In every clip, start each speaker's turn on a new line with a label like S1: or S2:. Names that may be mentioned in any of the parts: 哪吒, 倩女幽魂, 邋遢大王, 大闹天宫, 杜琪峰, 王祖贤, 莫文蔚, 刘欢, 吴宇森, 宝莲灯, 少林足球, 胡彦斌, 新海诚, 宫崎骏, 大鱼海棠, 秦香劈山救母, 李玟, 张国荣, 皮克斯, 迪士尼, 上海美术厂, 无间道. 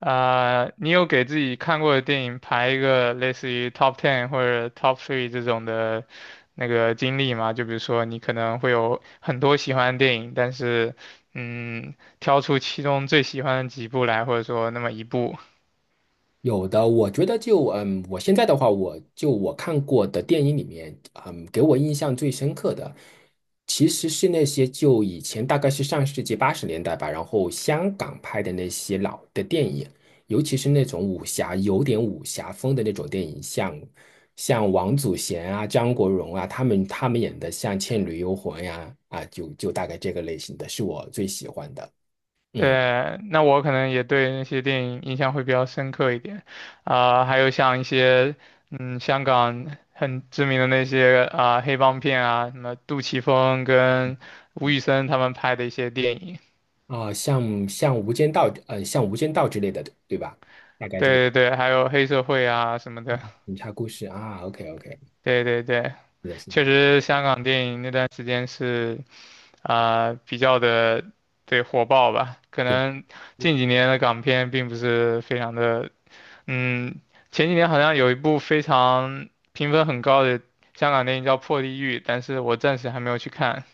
S1: 你有给自己看过的电影排一个类似于 top ten 或者 top three 这种的那个经历吗？就比如说你可能会有很多喜欢的电影，但是嗯，挑出其中最喜欢的几部来，或者说那么一部。
S2: 有的，我觉得，我现在的话，我看过的电影里面，给我印象最深刻的，其实是那些就以前大概是上世纪80年代吧，然后香港拍的那些老的电影。尤其是那种武侠，有点武侠风的那种电影，像王祖贤啊、张国荣啊，他们演的像《倩女幽魂》呀，啊，就大概这个类型的是我最喜欢的。嗯。
S1: 对，那我可能也对那些电影印象会比较深刻一点，还有像一些香港很知名的那些黑帮片啊，什么杜琪峰跟吴宇森他们拍的一些电影。
S2: 啊、像《无间道》之类的，对吧？大概这个
S1: 对对对，还有黑社会啊什么的，
S2: 警察故事啊，OK OK,
S1: 对对对，
S2: 是的，是的，
S1: 确实香港电影那段时间是比较的对火爆吧，可
S2: 对。
S1: 能近几年的港片并不是非常的，嗯，前几年好像有一部非常评分很高的香港电影叫《破地狱》，但是我暂时还没有去看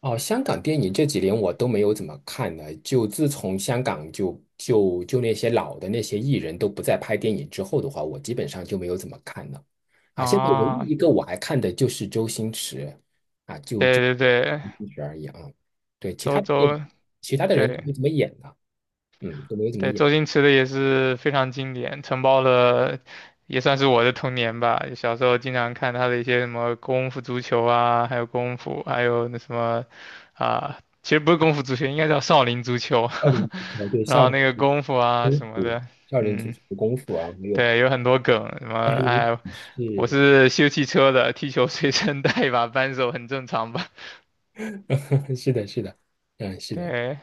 S2: 哦，香港电影这几年我都没有怎么看了，就自从香港就那些老的那些艺人都不再拍电影之后的话，我基本上就没有怎么看了。啊，现在唯一
S1: 啊，
S2: 一个我还看的就是周星驰，就周
S1: 对对对，
S2: 星驰而已啊。对，其
S1: 周
S2: 他的电影，
S1: 周。
S2: 其他的人都
S1: 对，
S2: 没怎么演了，都没有怎么
S1: 对，
S2: 演。
S1: 周星驰的也是非常经典，承包了也算是我的童年吧。小时候经常看他的一些什么功夫足球啊，还有功夫，还有那什么其实不是功夫足球，应该叫少林足球。
S2: 少林足球，对，
S1: 然
S2: 少
S1: 后
S2: 林。
S1: 那个功夫啊
S2: 功
S1: 什么
S2: 夫，
S1: 的，
S2: 少林足
S1: 嗯，
S2: 球的功夫啊，没有
S1: 对，有很多梗，什么
S2: 还有
S1: 哎，我
S2: 是，
S1: 是修汽车的，踢球随身带一把扳手，很正常吧？
S2: 是的，是的，嗯，是的，
S1: 对。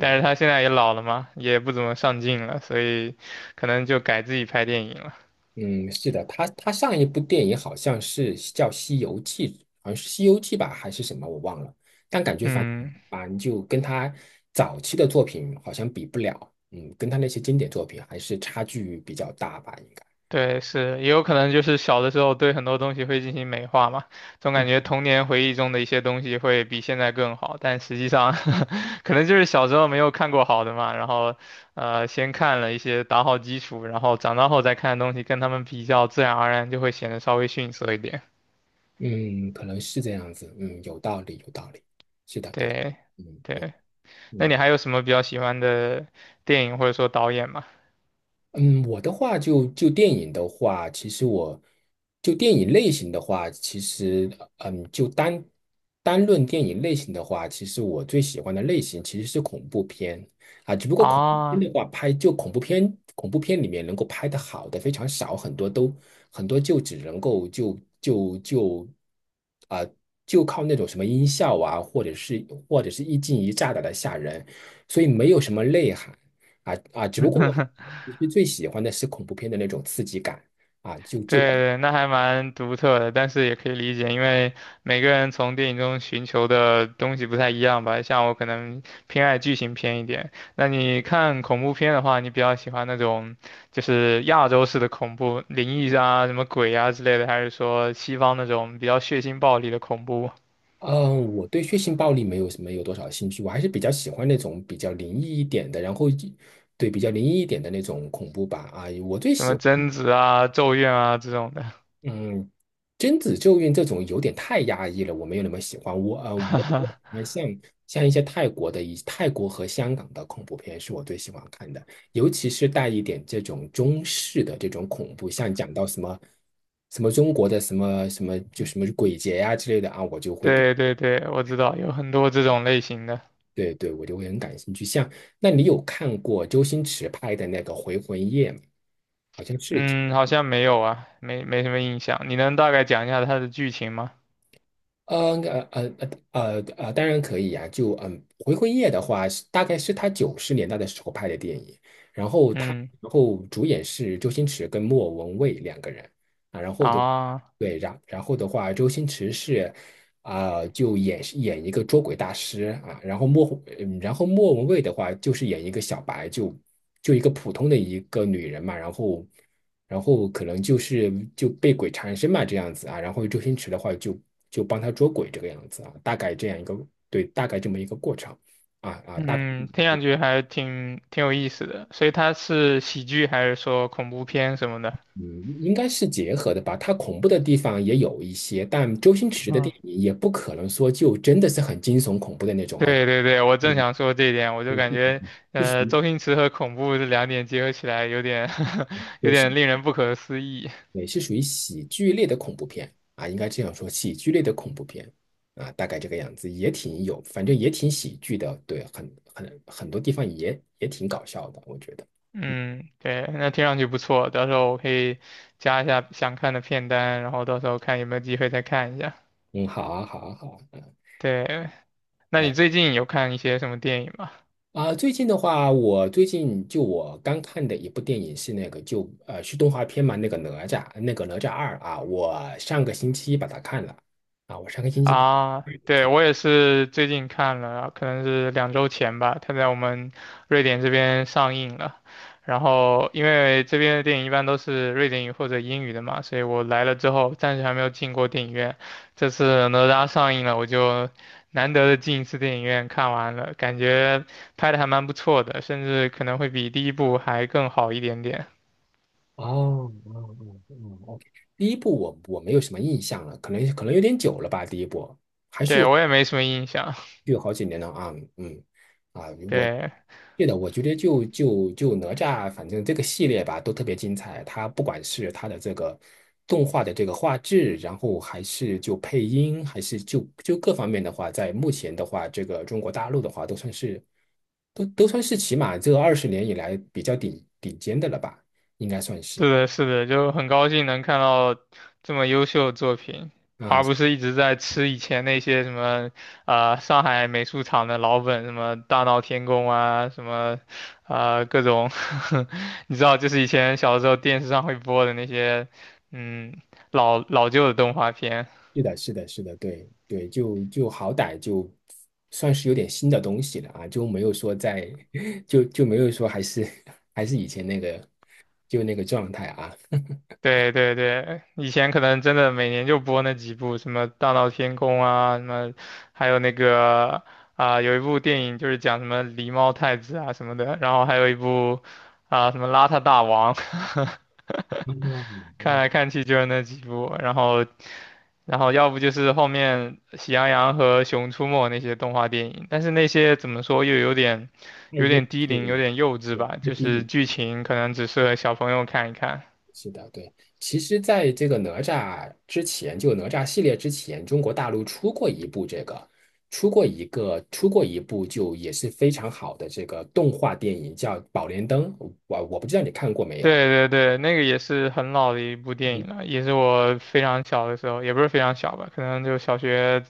S1: 但是他现在也老了嘛，也不怎么上镜了，所以可能就改自己拍电影了。
S2: 嗯，是的，他上一部电影好像是叫《西游记》，好像是《西游记》吧，还是什么，我忘了。但感觉
S1: 嗯，
S2: 就跟他早期的作品好像比不了，嗯，跟他那些经典作品还是差距比较大吧，应该。
S1: 对，是，也有可能就是小的时候对很多东西会进行美化嘛，总感
S2: 嗯
S1: 觉童年回忆中的一些东西会比现在更好，但实际上 可能就是小时候没有看过好的嘛，然后先看了一些打好基础，然后长大后再看的东西跟他们比较，自然而然就会显得稍微逊色一点。
S2: 嗯，可能是这样子，嗯，有道理，有道理，是的，对的，
S1: 对，
S2: 嗯。嗯，
S1: 对，那你
S2: 嗯
S1: 还有什么比较喜欢的电影或者说导演吗？
S2: 嗯，我的话就电影的话，其实我就电影类型的话，其实就单论电影类型的话，其实我最喜欢的类型其实是恐怖片啊，只不过恐怖片
S1: 啊。
S2: 的话，拍就恐怖片，恐怖片里面能够拍得好的非常少，很多就只能够啊、就靠那种什么音效啊，或者是或者是一惊一乍的来吓人，所以没有什么内涵。只不过我 其实最喜欢的是恐怖片的那种刺激感啊，就。
S1: 对那还蛮独特的，但是也可以理解，因为每个人从电影中寻求的东西不太一样吧。像我可能偏爱剧情片一点，那你看恐怖片的话，你比较喜欢那种就是亚洲式的恐怖，灵异啊、什么鬼啊之类的，还是说西方那种比较血腥暴力的恐怖，
S2: 嗯，我对血腥暴力没有多少兴趣，我还是比较喜欢那种比较灵异一点的，然后对比较灵异一点的那种恐怖吧啊，我最
S1: 什
S2: 喜
S1: 么
S2: 欢
S1: 贞子啊、咒怨啊这种的？
S2: 嗯，贞子咒怨这种有点太压抑了，我没有那么喜欢。我比较喜 欢像一些泰国的一泰国和香港的恐怖片是我最喜欢看的，尤其是带一点这种中式的这种恐怖，像讲到什么什么中国的什么什么就什么鬼节呀、之类的啊，我就会
S1: 对对对，我知道有很多这种类型的。
S2: 对对，我就会很感兴趣。那你有看过周星驰拍的那个《回魂夜》吗？好像是。
S1: 嗯，好像没有啊，没什么印象。你能大概讲一下它的剧情吗？
S2: 呃呃呃当然可以呀、回魂夜》的话是大概是他90年代的时候拍的电影，然后他
S1: 嗯
S2: 然后主演是周星驰跟莫文蔚两个人啊，然后的
S1: 啊，
S2: 对，然后的话，周星驰是啊、就演一个捉鬼大师啊，然后莫文蔚的话就是演一个小白，就一个普通的一个女人嘛，然后。然后可能就是被鬼缠身嘛这样子啊。然后周星驰的话就帮他捉鬼这个样子啊，大概这样一个，对，大概这么一个过程大概
S1: 嗯，听上去还挺有意思的。所以它是喜剧还是说恐怖片什么的？
S2: 嗯应该是结合的吧。它恐怖的地方也有一些，但周星驰的
S1: 嗯，
S2: 电影也不可能说就真的是很惊悚恐怖的那种啊，
S1: 对对对，我正
S2: 嗯，
S1: 想说这一点，我就
S2: 对，
S1: 感
S2: 是，
S1: 觉
S2: 就是，
S1: 周星驰和恐怖这两点结合起来，有点 有点
S2: 对，
S1: 令人不可思议。
S2: 也是属于喜剧类的恐怖片啊，应该这样说，喜剧类的恐怖片啊，大概这个样子，也挺有，反正也挺喜剧的，对，很多地方也挺搞笑的，我觉得。嗯，
S1: 嗯，对，那听上去不错，到时候我可以加一下想看的片单，然后到时候看有没有机会再看一下。
S2: 嗯，好啊，好啊，好啊，
S1: 对，那你
S2: 来
S1: 最近有看一些什么电影吗？
S2: 啊，最近的话，我最近就我刚看的一部电影是那个就是动画片嘛，那个哪吒，那个哪吒2啊，我上个星期把它看了啊，我上个星期把，
S1: 啊，对，我也是最近看了，可能是两周前吧，它在我们瑞典这边上映了。然后，因为这边的电影一般都是瑞典语或者英语的嘛，所以我来了之后，暂时还没有进过电影院。这次哪吒上映了，我就难得的进一次电影院看完了，感觉拍的还蛮不错的，甚至可能会比第一部还更好一点点。
S2: 哦，哦哦哦，OK,第一部我没有什么印象了，可能有点久了吧，第一部还是
S1: 对，
S2: 有
S1: 我也没什么印象。
S2: 有好几年了啊，啊，我
S1: 对，
S2: 对的，我觉得就哪吒，反正这个系列吧都特别精彩，它不管是它的这个动画的这个画质，然后还是就配音，还是就就各方面的话，在目前的话，这个中国大陆的话，都算是起码这20年以来比较顶尖的了吧，应该算是。
S1: 是的，是的，就很高兴能看到这么优秀的作品，
S2: 啊。
S1: 而不是一直在吃以前那些什么，上海美术厂的老本，什么大闹天宫啊，什么，各种，你知道，就是以前小时候电视上会播的那些，嗯，老老旧的动画片。
S2: 是的，是的，是的，对对，就好歹就算是有点新的东西了啊，就没有说在，就没有说还是以前那个就那个状态啊，
S1: 对对对，以前可能真的每年就播那几部，什么《大闹天宫》啊，什么，还有那个有一部电影就是讲什么狸猫太子啊什么的，然后还有一部什么邋遢大王，
S2: 嗯啊，
S1: 看
S2: 那
S1: 来看去就是那几部，然后要不就是后面《喜羊羊和熊出没》那些动画电影，但是那些怎么说又有点
S2: 太
S1: 有
S2: 幼
S1: 点低
S2: 稚
S1: 龄，有
S2: 了，
S1: 点幼稚
S2: 对，
S1: 吧，
S2: 太
S1: 就
S2: 低龄
S1: 是剧
S2: 了啊，
S1: 情可能只适合小朋友看一看。
S2: 是的，对。其实，在这个哪吒之前，就哪吒系列之前，中国大陆出过一部这个，出过一个，出过一部就也是非常好的这个动画电影，叫《宝莲灯》，我不知道你看过没有。
S1: 对对对，那个也是很老的一部电影了，也是我非常小的时候，也不是非常小吧，可能就小学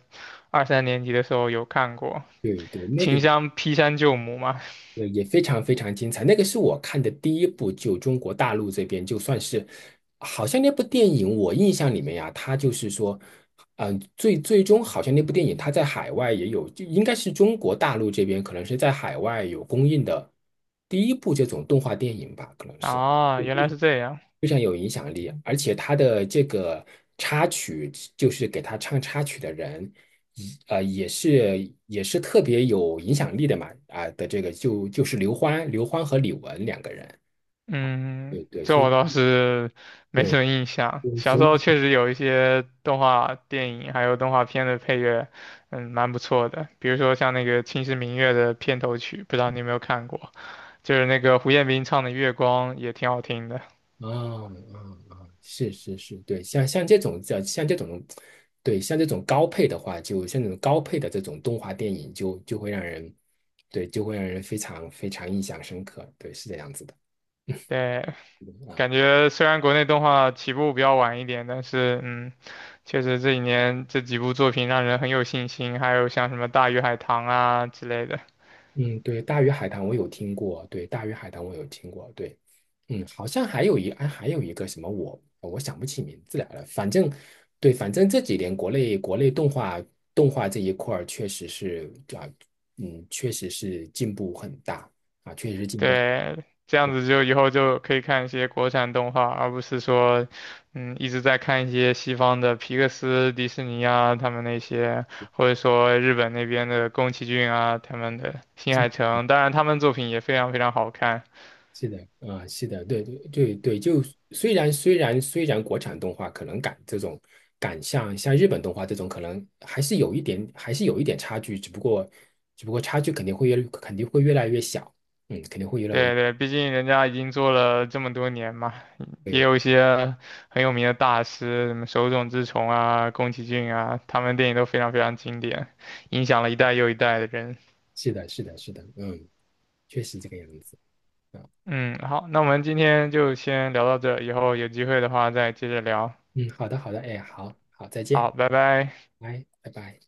S1: 二三年级的时候有看过
S2: 对对，那个
S1: 《秦香劈山救母》嘛。
S2: 也非常非常精彩，那个是我看的第一部，就中国大陆这边就算是，好像那部电影我印象里面呀、它就是说，嗯、最终好像那部电影它在海外也有，就应该是中国大陆这边可能是在海外有公映的第一部这种动画电影吧，可能是。
S1: 啊，原来是这样，
S2: 非常有影响力，而且他的这个插曲，就是给他唱插曲的人，也是特别有影响力的嘛，啊、的这个就是刘欢和李玟两个人，
S1: 嗯，
S2: 对对，
S1: 这
S2: 所以，
S1: 我倒是 没什
S2: 对
S1: 么印象。
S2: 对，
S1: 小
S2: 所
S1: 时
S2: 以，
S1: 候确实有一些动画电影还有动画片的配乐，嗯，蛮不错的，比如说像那个《秦时明月》的片头曲，不知道你有没有看过，就是那个胡彦斌唱的《月光》也挺好听的。
S2: 啊啊是是是，对，像这种叫像这种，对，像这种高配的话，就像这种高配的这种动画电影就会让人，对，就会让人非常非常印象深刻，对，是这样子的。
S1: 对，
S2: 啊。
S1: 感觉虽然国内动画起步比较晚一点，但是嗯，确实这几年这几部作品让人很有信心，还有像什么《大鱼海棠》啊之类的，
S2: 嗯，对，大鱼海棠我有听过，对，大鱼海棠我有听过，对，嗯，好像还有哎，还有一个什么哦，我想不起名字来了，反正，对，反正这几年国内动画这一块儿确实是啊，嗯，确实是进步很大啊，确实是进步，
S1: 对，这
S2: 对，
S1: 样子就以后就可以看一些国产动画，而不是说一直在看一些西方的皮克斯、迪士尼啊他们那些，或者说日本那边的宫崎骏啊他们的《新海诚》，当然他们作品也非常非常好看。
S2: 是的，啊、是的，对对对对，就虽然国产动画可能赶这种赶像日本动画这种，可能还是有一点差距，只不过差距肯定会越来越小，嗯，肯定会越来越，
S1: 对对，毕竟人家已经做了这么多年嘛，也
S2: 对，
S1: 有一些很有名的大师，什么手冢治虫啊、宫崎骏啊，他们电影都非常非常经典，影响了一代又一代的人。
S2: 是的，是的，是的，嗯，确实这个样子啊，
S1: 嗯，好，那我们今天就先聊到这，以后有机会的话再接着聊。
S2: 嗯，好的，好的，哎，好好，再见，
S1: 好，拜拜。
S2: 拜拜拜。